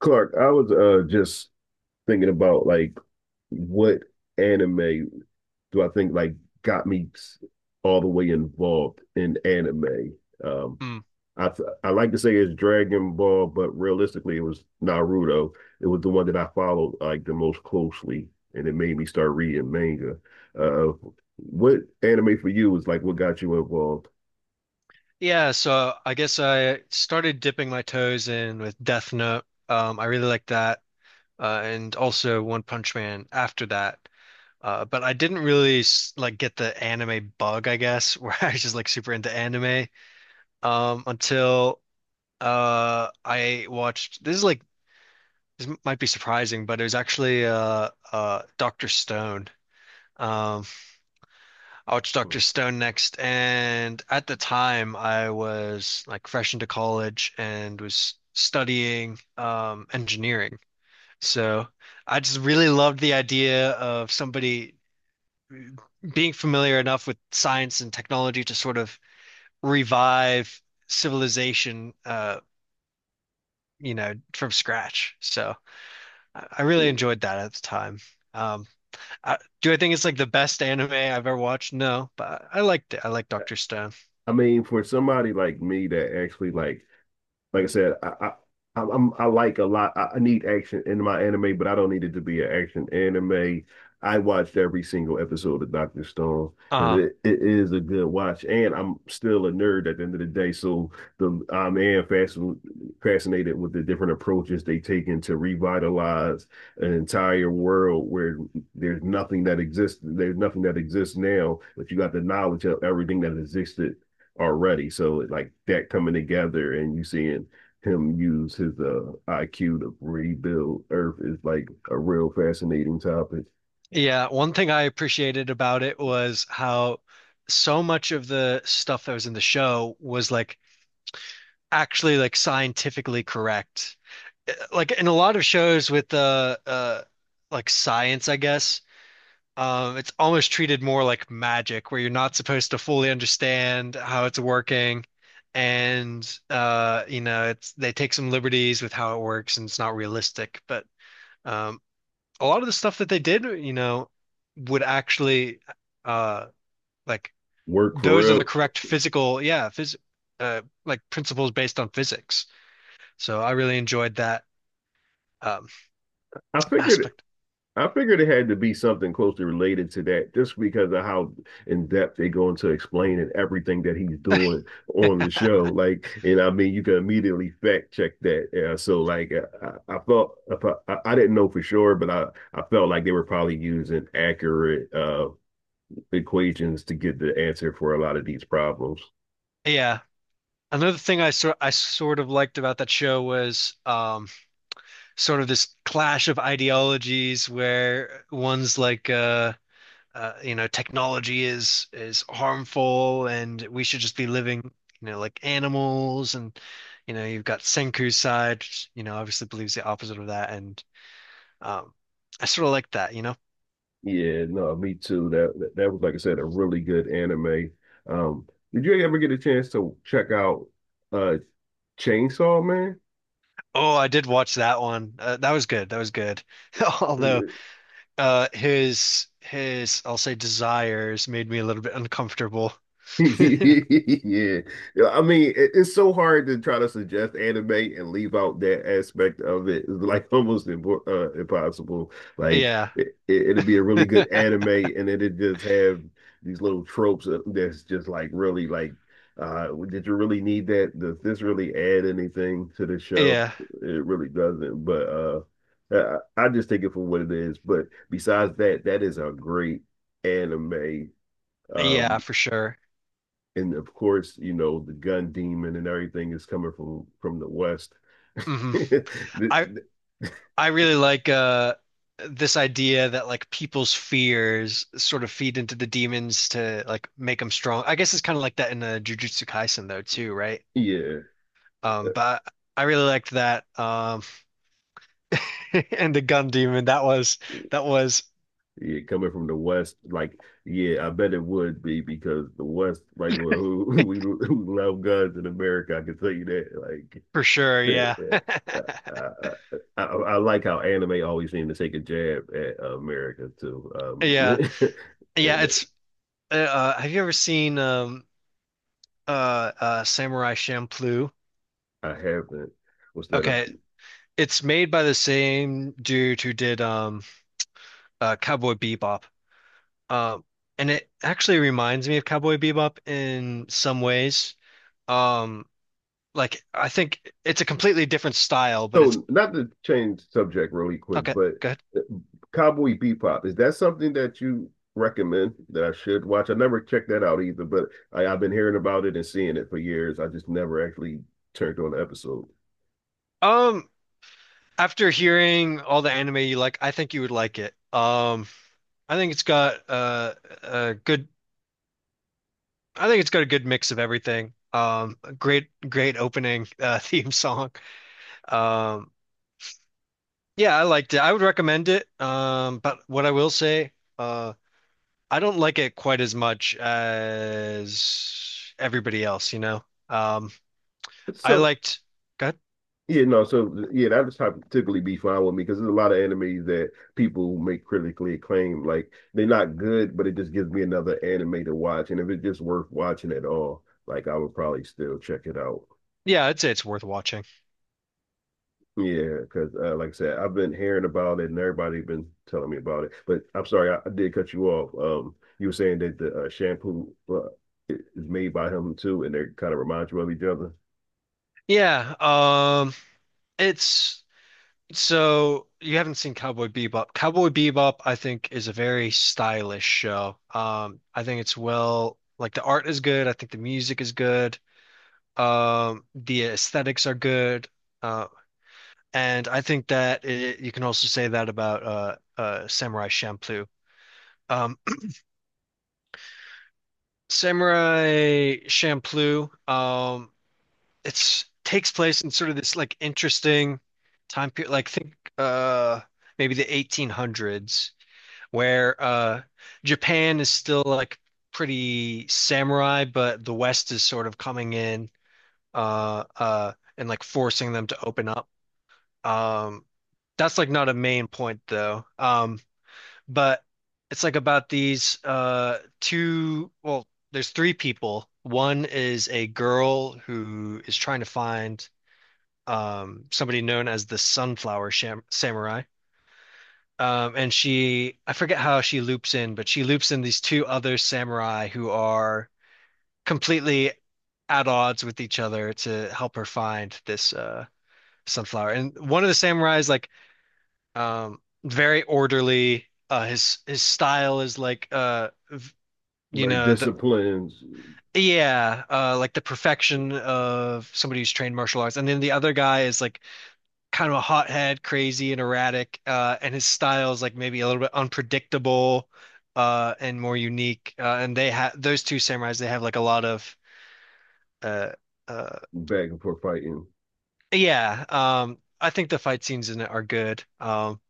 Clark, I was just thinking about what anime do I think got me s- all the way involved in anime. Um, Mm. I like to say it's Dragon Ball, but realistically it was Naruto. It was the one that I followed like the most closely, and it made me start reading manga. Uh, what anime for you was like what got you involved? Yeah, so I guess I started dipping my toes in with Death Note. I really liked that, and also One Punch Man after that. But I didn't really like get the anime bug, I guess, where I was just like super into anime until I watched. This is like this might be surprising, but it was actually Doctor Stone. Um, I watched Dr. Stone next, and at the time I was like fresh into college and was studying engineering. So I just really loved the idea of somebody being familiar enough with science and technology to sort of revive civilization, you know, from scratch. So I really enjoyed that at the time. Um, do I think it's like the best anime I've ever watched? No, but I liked it. I like Dr. Stone. I mean, for somebody like me that actually like I said, I I like a lot. I need action in my anime, but I don't need it to be an action anime. I watched every single episode of Doctor Stone because uh it is a good watch, and I'm still a nerd at the end of the day. So the I'm and fascin fascinated with the different approaches they take in to revitalize an entire world where there's nothing that exists. There's nothing that exists now, but you got the knowledge of everything that existed already. So like that coming together and you seeing him use his IQ to rebuild Earth is like a real fascinating topic. Yeah, one thing I appreciated about it was how so much of the stuff that was in the show was like actually like scientifically correct. Like in a lot of shows with the like science, I guess, it's almost treated more like magic where you're not supposed to fully understand how it's working, and you know, it's they take some liberties with how it works and it's not realistic, but um a lot of the stuff that they did, you know, would actually uh like Work for those are the real. correct physical, yeah, phys like principles based on physics. So I really enjoyed that um I figured aspect. I figured it had to be something closely related to that just because of how in depth they go into explaining everything that he's doing on the show. Like, and I mean, you can immediately fact check that. Yeah, so, I felt I didn't know for sure, but I felt like they were probably using accurate equations to get the answer for a lot of these problems. Yeah. Another thing I sort of liked about that show was sort of this clash of ideologies where one's like you know, technology is harmful and we should just be living, you know, like animals, and you know, you've got Senku's side, which, you know, obviously believes the opposite of that. And um I sort of like that, you know. Yeah, no, me too. That was like I said, a really good anime. Um, did you ever get a chance to check out uh Chainsaw Man? Oh, I did watch that one. That was good. That was good. Although his I'll say desires made me a little bit uncomfortable. Yeah. Yeah, I mean, it's so hard to try to suggest anime and leave out that aspect of it. It's like almost impossible. Like Yeah. It'd be a really good anime, and then it just have these little that's just like really like, did you really need that? Does this really add anything to the show? Yeah. It really doesn't. But I just take it for what it is. But besides that, that is a great anime. Yeah, Um, for sure. and of course, you know, the gun demon and everything is coming from the West. Hmm. The- I the- I really like this idea that like people's fears sort of feed into the demons to like make them strong. I guess it's kind of like that in Jujutsu Kaisen though too, right? yeah, uh, But I really liked that. And the gun demon, that was yeah, coming from the West, like yeah, I bet it would be because the West, like we, love guns in America. I can tell you that. for sure. Like, Yeah, I, I, I, like how anime always seem to take a jab at America too. Yeah, yeah. and It's have you ever seen Samurai Champloo? I haven't. What's that? A Okay, it's made by the same dude who did Cowboy Bebop. Uh, and it actually reminds me of Cowboy Bebop in some ways. Um, like I think it's a completely different style, but it's So, not to change subject really quick, okay, but good. uh, Cowboy Bebop, is that something that you recommend that I should watch? I never checked that out either, but I've been hearing about it and seeing it for years. I just never actually turned on the episode. Um, after hearing all the anime you like, I think you would like it. I think it's got a good I think it's got a good mix of everything. A great opening theme song. Um, yeah, I liked it. I would recommend it. But what I will say, uh. I don't like it quite as much as everybody else, you know. Um, I So, liked, God, yeah, no, so yeah, that would typically be fine with me because there's a lot of anime that people make critically acclaimed. Like they're not good, but it just gives me another anime to watch. And if it's just worth watching at all, like I would probably still check it out. yeah, I'd say it's worth watching. Yeah, because like I said, I've been hearing about it and everybody been telling me about it. But I'm sorry, I did cut you off. You were saying that the shampoo is made by him too, and they kind of remind you of each other. Yeah, it's so you haven't seen Cowboy Bebop. Cowboy Bebop, I think, is a very stylish show. I think it's well, like the art is good. I think the music is good. The aesthetics are good. Uh, and I think that it, you can also say that about Samurai Champloo. Um, Samurai Champloo. It's takes place in sort of this like interesting time period, like think maybe the 1800s, where Japan is still like pretty samurai, but the West is sort of coming in uh uh and like forcing them to open up. Um, that's like not a main point though. But it's like about these two, well, there's three people. One is a girl who is trying to find somebody known as the Sunflower Sham Samurai, and she, I forget how she loops in, but she loops in these two other samurai who are completely at odds with each other to help her find this sunflower. And one of the samurai is like um very orderly. His style is like you Very know, the disciplined, yeah, like the perfection of somebody who's trained martial arts. And then the other guy is like kind of a hothead, crazy and erratic, and his style is like maybe a little bit unpredictable, and more unique. And they have those two samurais, they have like a lot of uh uh back and forth fighting. yeah. Um, I think the fight scenes in it are good.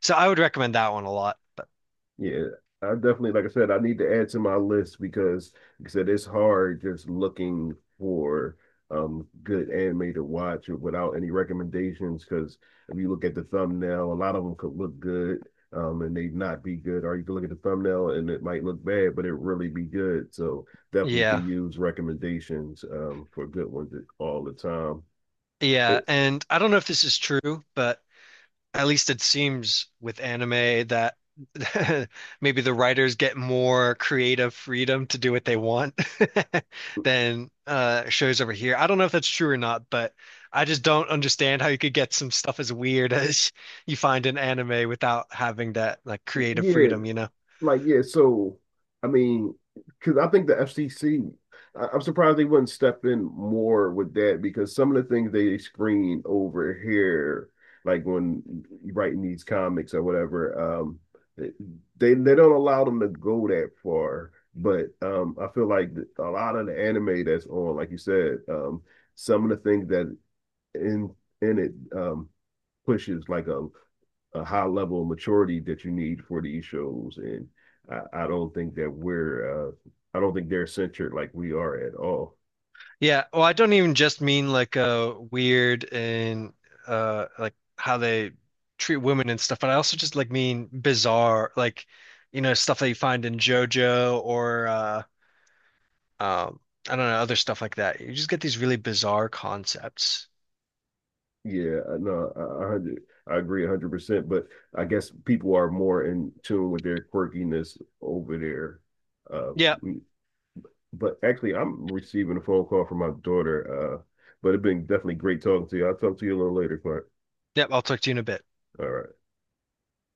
So I would recommend that one a lot, but Yeah, I definitely, like I said, I need to add to my list because, like I said, it's hard just looking for good anime to watch without any recommendations. Because if you look at the thumbnail, a lot of them could look good, and they not be good. Or you can look at the thumbnail and it might look bad, but it really be good. So definitely yeah, could use recommendations for good ones all the time. yeah. It- And I don't know if this is true, but at least it seems with anime that maybe the writers get more creative freedom to do what they want than shows over here. I don't know if that's true or not, but I just don't understand how you could get some stuff as weird as you find in anime without having that like creative yeah, freedom, you know? Like, yeah, so I mean, because I think the FCC, I am surprised they wouldn't step in more with that because some of the things they screen over here, like when writing these comics or whatever, they don't allow them to go that far. But I feel like a lot of the anime that's on, like you said, some of the things that in in it um, pushes like a high level of maturity that you need for these shows. And I don't think that we're I don't think they're censored like we are at all. Yeah, well, I don't even just mean like weird and like how they treat women and stuff, but I also just like mean bizarre, like you know, stuff that you find in JoJo, or um I don't know, other stuff like that. You just get these really bizarre concepts. Yeah, no, I agree 100%. But I guess people are more in tune with their quirkiness over there. Uh, Yeah, but actually, I'm receiving a phone call from my daughter. But it's been definitely great talking to you. I'll talk to you a little later, Clark. yeah, I'll talk to you in a bit. All right.